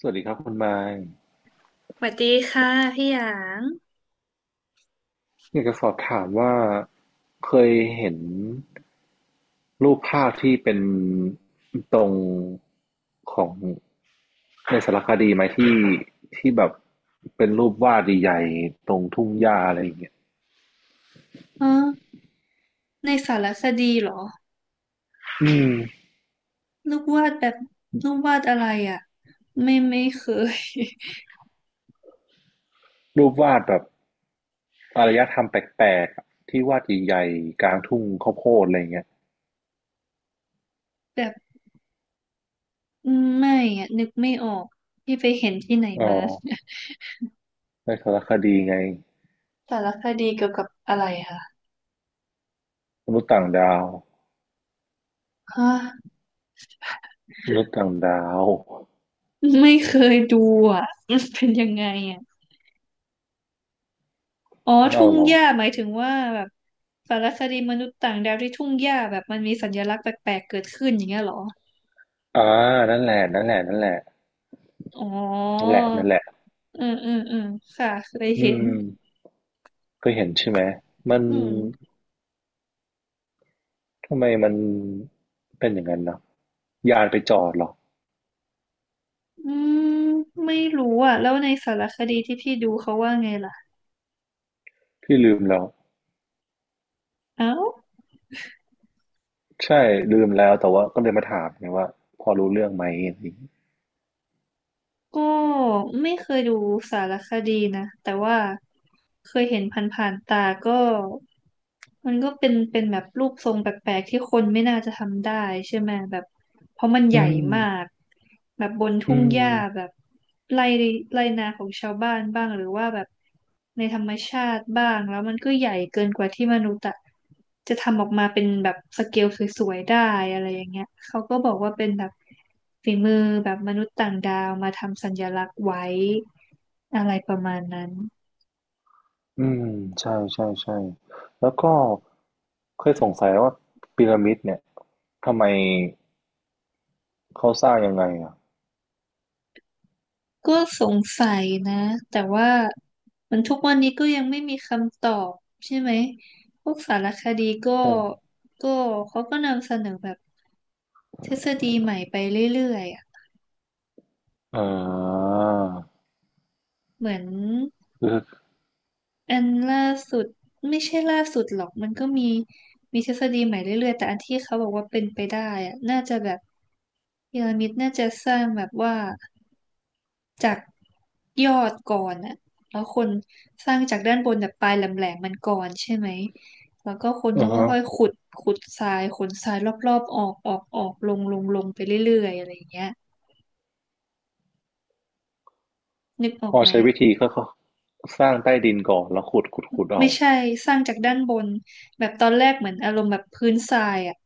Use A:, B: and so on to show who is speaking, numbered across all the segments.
A: สวัสดีครับคุณไมค์
B: สวัสดีค่ะพี่หยาง
A: อยากจะสอบถามว่าเคยเห็นรูปภาพที่เป็นตรงของในสารคดีไหมที่ที่แบบเป็นรูปวาดใหญ่ๆตรงทุ่งหญ้าอะไรอย่างเงี้ย
B: อ๋อในสารคดีเหรอ
A: อืม
B: ลูกวาดแบบลูกวาดอะไรอ่ะไม่เคย
A: รูปวาดแบบอารยธรรมแปลกๆอะที่วาดใหญ่ๆกลางทุ่งข้าวโพดอะไรอย่างเงี้ย
B: แบบไม่อ่ะนึกไม่ออกพี่ไปเห็นที่ไหน
A: อ๋
B: มา
A: อ ในสารคดีไง
B: สารคดีเกี่ยวกับอะไรคะ
A: มนุษย์ต่างดาว
B: ฮะ
A: มนุษย์ต่างดาว
B: ไม่เคยดูอ่ะ มันเป็นยังไงอ่ะอ๋อ
A: ไม่
B: ทุ่
A: เอา
B: ง
A: หรอ
B: หญ้าหมายถึงว่าแบบสารคดีมนุษย์ต่างดาวที่ทุ่งหญ้าแบบมันมีสัญลักษณ์แปลกๆเกิดขึ้นอย่างเงี้ยเหรอ
A: อ่านั่นแหละนั่นแหละนั่นแหละ
B: อ๋อ
A: นั่นแหละนั่นแหละ
B: เออเออเออค่ะเคย
A: อื
B: เห็น
A: มก็เห็นใช่ไหมมัน
B: อืม
A: ทำไมมันเป็นอย่างนั้นเนาะยานไปจอดเหรอ
B: อืมไม่รู้อ่ะแล้วในสารคดีที่พี่ดูเขาว่าไงล่ะ
A: พี่ลืมแล้ว
B: เอ้า
A: ใช่ลืมแล้วแต่ว่าก็เลยมาถามไงว่าพอรู้เรื่องไหมอะไรอย่างงี้
B: ก็ไม่เคยดูสารคดีนะแต่ว่าเคยเห็นผ่านๆตาก็มันก็เป็นแบบรูปทรงแปลกๆที่คนไม่น่าจะทำได้ใช่ไหมแบบเพราะมัน
A: อื
B: ใหญ่
A: ม
B: มากแบบบน
A: อื
B: ทุ่งห
A: ม
B: ญ้าแบบไร่ไร่นาของชาวบ้านบ้างหรือว่าแบบในธรรมชาติบ้างแล้วมันก็ใหญ่เกินกว่าที่มนุษย์อะจะทำออกมาเป็นแบบสเกลสวยๆได้อะไรอย่างเงี้ยเขาก็บอกว่าเป็นแบบ ฝีมือแบบมนุษย์ต่างดาวมาทำสัญลักษณ์ไว้อะไรประมาณนั้น
A: อืมใช่ใช่ใช่แล้วก็เคยสงสัยว่าพีระมิดเนี่ยทำไมเขาสร้างยังไงอ่ะ
B: ก็สงสัยนะแต่ว่ามันทุกวันนี้ก็ยังไม่มีคำตอบใช่ไหมพวกสารคดีก็
A: ใช่
B: ก็เขาก็นำเสนอแบบทฤษฎีใหม่ไปเรื่อยๆอะ
A: อ่า
B: เหมือน
A: คือ
B: อันล่าสุดไม่ใช่ล่าสุดหรอกมันก็มีมีทฤษฎีใหม่เรื่อยๆแต่อันที่เขาบอกว่าเป็นไปได้อะน่าจะแบบพีระมิดน่าจะสร้างแบบว่า จากยอดก่อนอะแล้วคนสร้างจากด้านบนแบบปลายแหลมๆมันก่อนใช่ไหมแล้วก็คน
A: อื
B: ก็
A: อฮะ
B: ค่อยๆขุดขุดทรายขนทรายรอบๆออกออกออกลงลงลงไปเรื่อยๆอะไรอย่างเงี้ยนึกออ
A: พ
B: ก
A: อ
B: ไหม
A: ใช้วิธีก็สร้างใต้ดินก่อนแล้วขุดเอา
B: ไม่ใช่สร้างจากด้านบนแบบตอนแรกเหมือนอารมณ์แบบพื้นทรายอะ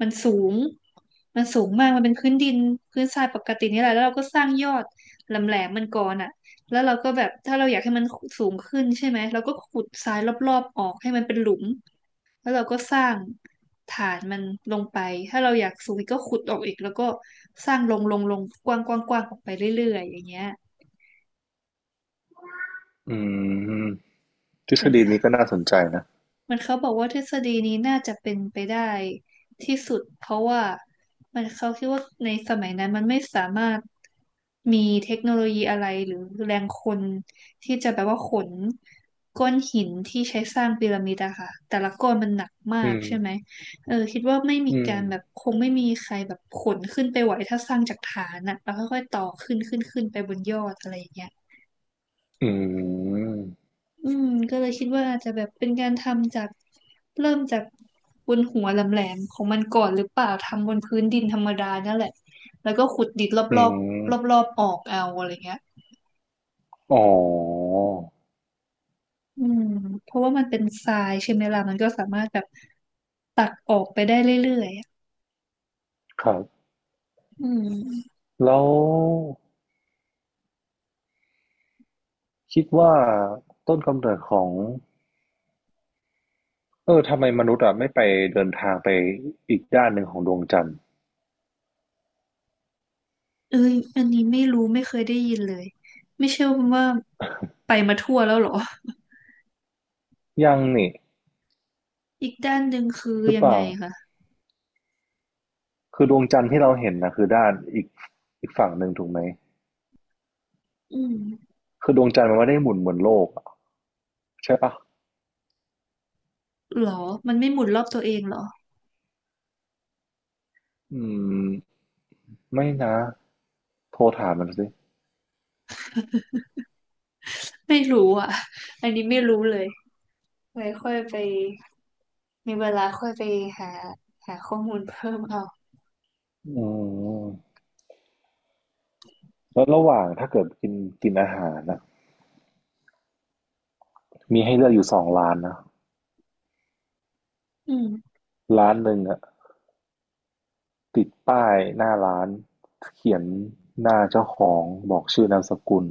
B: มันสูงมันสูงมากมันเป็นพื้นดินพื้นทรายปกตินี่แหละแล้วเราก็สร้างยอดแหลมแหลมมันก่อนอ่ะแล้วเราก็แบบถ้าเราอยากให้มันสูงขึ้นใช่ไหมเราก็ขุดทรายรอบๆออกให้มันเป็นหลุมแล้วเราก็สร้างฐานมันลงไปถ้าเราอยากสูงอีกก็ขุดออกอีกแล้วก็สร้างลงลงลงกว้างกว้างกว้างออกไปเรื่อยๆอย่างเงี้ย
A: อืมทฤษ
B: มัน
A: ฎีนี้ก็น่าสนใจนะ
B: มันเขาบอกว่าทฤษฎีนี้น่าจะเป็นไปได้ที่สุดเพราะว่ามันเขาคิดว่าในสมัยนั้นมันไม่สามารถมีเทคโนโลยีอะไรหรือแรงคนที่จะแบบว่าขนก้อนหินที่ใช้สร้างพีระมิดอะค่ะแต่ละก้อนมันหนัก
A: อื
B: มาก
A: ม
B: ใช่ไหมเออคิดว่าไม่มี
A: อืม
B: การแบบคงไม่มีใครแบบขนขึ้นไปไหวถ้าสร้างจากฐานอะแล้วค่อยๆต่อขึ้นขึ้นขึ้นไปบนยอดอะไรอย่างเงี้ย
A: อืม
B: อืมก็เลยคิดว่าอาจจะแบบเป็นการทำจากเริ่มจากบนหัวแหลมๆของมันก่อนหรือเปล่าทำบนพื้นดินธรรมดานั่นแหละแล้วก็ขุดดินร
A: อื
B: อบ
A: ม
B: ๆรอบๆออกเอาอะไรเงี้ย
A: อ๋อ
B: อืมเพราะว่ามันเป็นทรายใช่ไหมล่ะมันก็สามารถแบบตักออกไปได้เรื่อยๆอะ
A: ครับ
B: อืม
A: แล้วคิดว่าต้นกำเนิดของทำไมมนุษย์อะไม่ไปเดินทางไปอีกด้านหนึ่งของดวงจันทร์
B: เอ้ยอันนี้ไม่รู้ไม่เคยได้ยินเลยไม่เชื่อว่าไปมาทั่วแล้วเหรอ
A: ยังนี่
B: อีกด้านหนึ่งคือ
A: หรือ
B: ยั
A: เป
B: งไง
A: ล่า
B: คะ
A: คือดวงจันทร์ที่เราเห็นนะคือด้านอีกฝั่งหนึ่งถูกไหม
B: อืม
A: คือดวงจันทร์มันไม่ได้หมุนเหมือนโลกอะใช่ปะ
B: หรอมันไม่หมุนรอบตัวเองเหรอ
A: อืม ไม่นะ โทรถามมันสิ
B: ไม่รู้อ่ะอันนี้ไม่รู้เลยไว้ค่อยไปมีเวลาค่อยไปหาหาข้อมูลเพิ่มเอา
A: อืมแล้วระหว่างถ้าเกิดกินกินอาหารนะมีให้เลือกอยู่สองร้านนะ
B: อืม
A: ร้านหนึ่งอะติดป้ายหน้าร้านเขียนหน้าเจ้าของบอกชื่อนามสกุล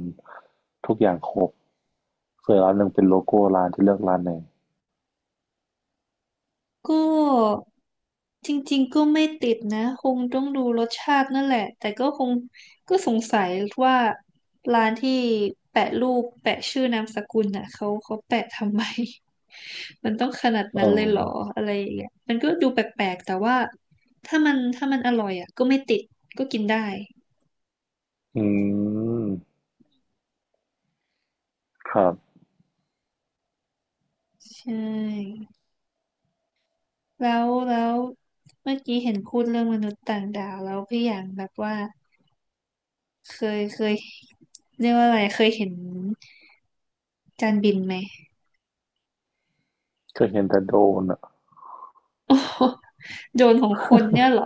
A: ทุกอย่างครบส่วนร้านหนึ่งเป็นโลโก้ร้านจะเลือกร้านไหน
B: ก็จริงๆก็ไม่ติดนะคงต้องดูรสชาตินั่นแหละแต่ก็คงก็สงสัยว่าร้านที่แปะรูปแปะชื่อนามสกุลน่ะเขาแปะทำไม มันต้องขนาด
A: เออ
B: นั้นเลยเหรออะไรอย่างเงี้ยมันก็ดูแปลกๆแต่ว่าถ้ามันอร่อยอ่ะก็ไม่ติดก็กินได้
A: อืม ครับ
B: ใช่ แล้วเมื่อกี้เห็นพูดเรื่องมนุษย์ต่างดาวแล้วพี่อย่างแบบว่าเคยเรียกว่าอะไรเคยเห็นจานบินไหม
A: เคยเห็นแต่โดนอะ
B: โอ้โห โดรนของคนเนี่ยเหรอ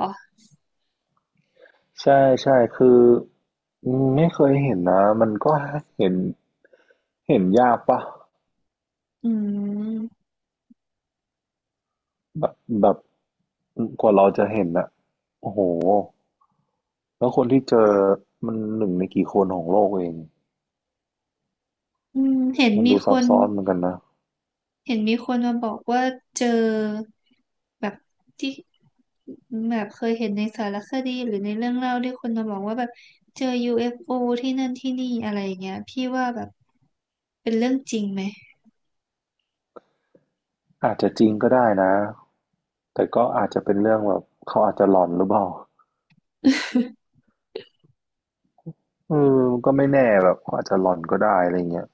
A: ใช่ใช่คืออืมไม่เคยเห็นนะ มันก็เห็นเห็นยากปะ
B: อืม
A: แบบแบบกว่าเราจะเห็นอะโอ้โหแล้วคนที่เจอมันหนึ่งในกี่คนของโลกเอง
B: อืมเห็น
A: มัน
B: มี
A: ดู
B: ค
A: ซับ
B: น
A: ซ้อนเหมือนกันนะ
B: เห็นมีคนมาบอกว่าเจอแบบที่แบบเคยเห็นในสารคดีหรือในเรื่องเล่าที่คนมาบอกว่าแบบเจอ UFO ที่นั่นที่นี่อะไรอย่างเงี้ยพี่ว่าแบบเป็นเรื่องจริงไหม
A: อาจจะจริงก็ได้นะแต่ก็อาจจะเป็นเรื่องแบบเขาอาจจะหลอนหรือเปล่า เออมันก็ไม่แน่แบบเขาอาจจะหลอนก็ได้อะไรเงี้ย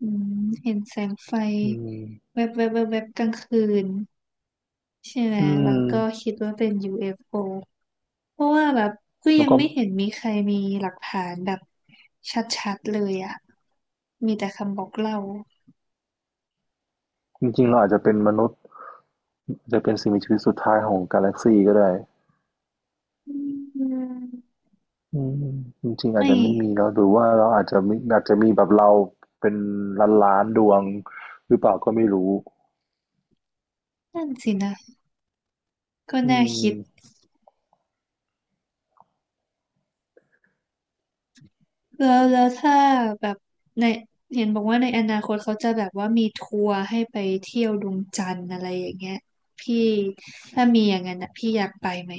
B: อืมเห็นแสงไฟ
A: อืม
B: แวบแวบแวบแวบกลางคืนใช่ไหม
A: อืม
B: แล้วก็คิดว่าเป็น UFO เอฟโอเพราะว่าแบบก็
A: แล้
B: ยั
A: ว
B: ง
A: ก็
B: ไม่เห็นมีใครมีหลักฐานแบบชัดๆเลยอ่ะมีแต่คำบอกเล่า
A: จริงๆเราอาจจะเป็นมนุษย์อาจจะเป็นสิ่งมีชีวิตสุดท้ายของกาแล็กซีก็ได้
B: อืม
A: อืมจริงๆอาจ
B: ไม่
A: จะไม่มีเนาะหรือว่าเราอาจจะมีอาจจะมีแบบเราเป็นล้านๆดวงหรือเปล่าก็ไม่รู้
B: นั่นสินะก็
A: อื
B: น่า
A: ม
B: คิดแล้วถ้าแบบในเห็นบอกว่าในอนาคตเขาจะแบบว่ามีทัวร์ให้ไปเที่ยวดวงจันทร์อะไรอย่างเงี้ยพี่ถ้ามีอย่างนั้นนะพี่อยากไปไหม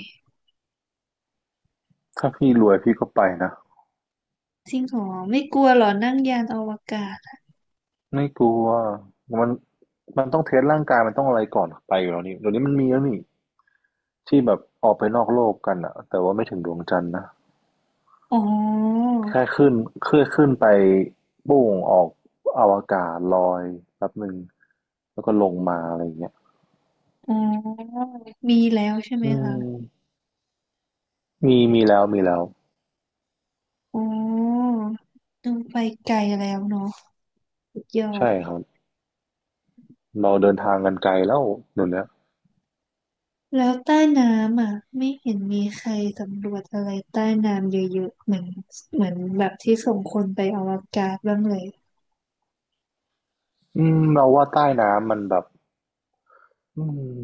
A: ถ้าพี่รวยพี่ก็ไปนะ
B: จริงเหรอไม่กลัวเหรอนั่งยานอวกาศ
A: ไม่กลัวมันมันต้องเทสร่างกายมันต้องอะไรก่อนไปอยู่แล้วนี่เดี๋ยวนี้มันมีแล้วนี่ที่แบบออกไปนอกโลกกันอะแต่ว่าไม่ถึงดวงจันทร์นะ
B: อ๋อ
A: แค่ขึ้นเคลื่อนขึ้นไปโป่งออกอวกาศลอยแป๊บหนึ่งแล้วก็ลงมาอะไรอย่างเงี้ย
B: อ๋อมีแล้วใช่ไหม
A: อื
B: คะ
A: มมีมีแล้ว
B: อ๋อลงไปไกลแล้วเนาะสุดยอด
A: ใช่ครับ เราเดินทางกันไกลแล้วหนูเนี่ย
B: แล้วใต้น้ำอ่ะไม่เห็นมีใครสำรวจอะไรใต้น้ำเยอะๆเหมือนเหมือนแบบที่ส่งคนไปอวกาศบ้างเลย
A: อืมเราว่าใต้น้ำมันแบบอืม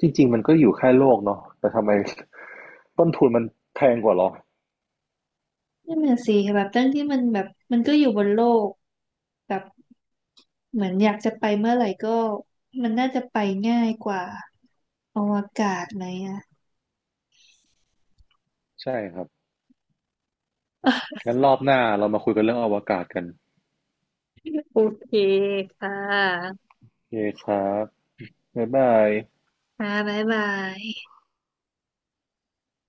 A: จริงๆมันก็อยู่แค่โลกเนาะแต่ทำไม ต้นทุนมันแพงกว่าเหรอ
B: นั่นน่ะสิแบบตั้งที่มันแบบมันก็อยู่บนโลกแบบเหมือนอยากจะไปเมื่อไหร่ก็มันน่าจะไปง่ายกว่าอวกาศไหมอ่ะ
A: ใช่ครับ
B: เออ
A: งั้นรอบหน้าเรามาคุยกันเรื่องอวกาศกัน
B: โอเคค่ะ
A: โอเคครับบ๊ายบาย
B: ค่ะบ๊ายบาย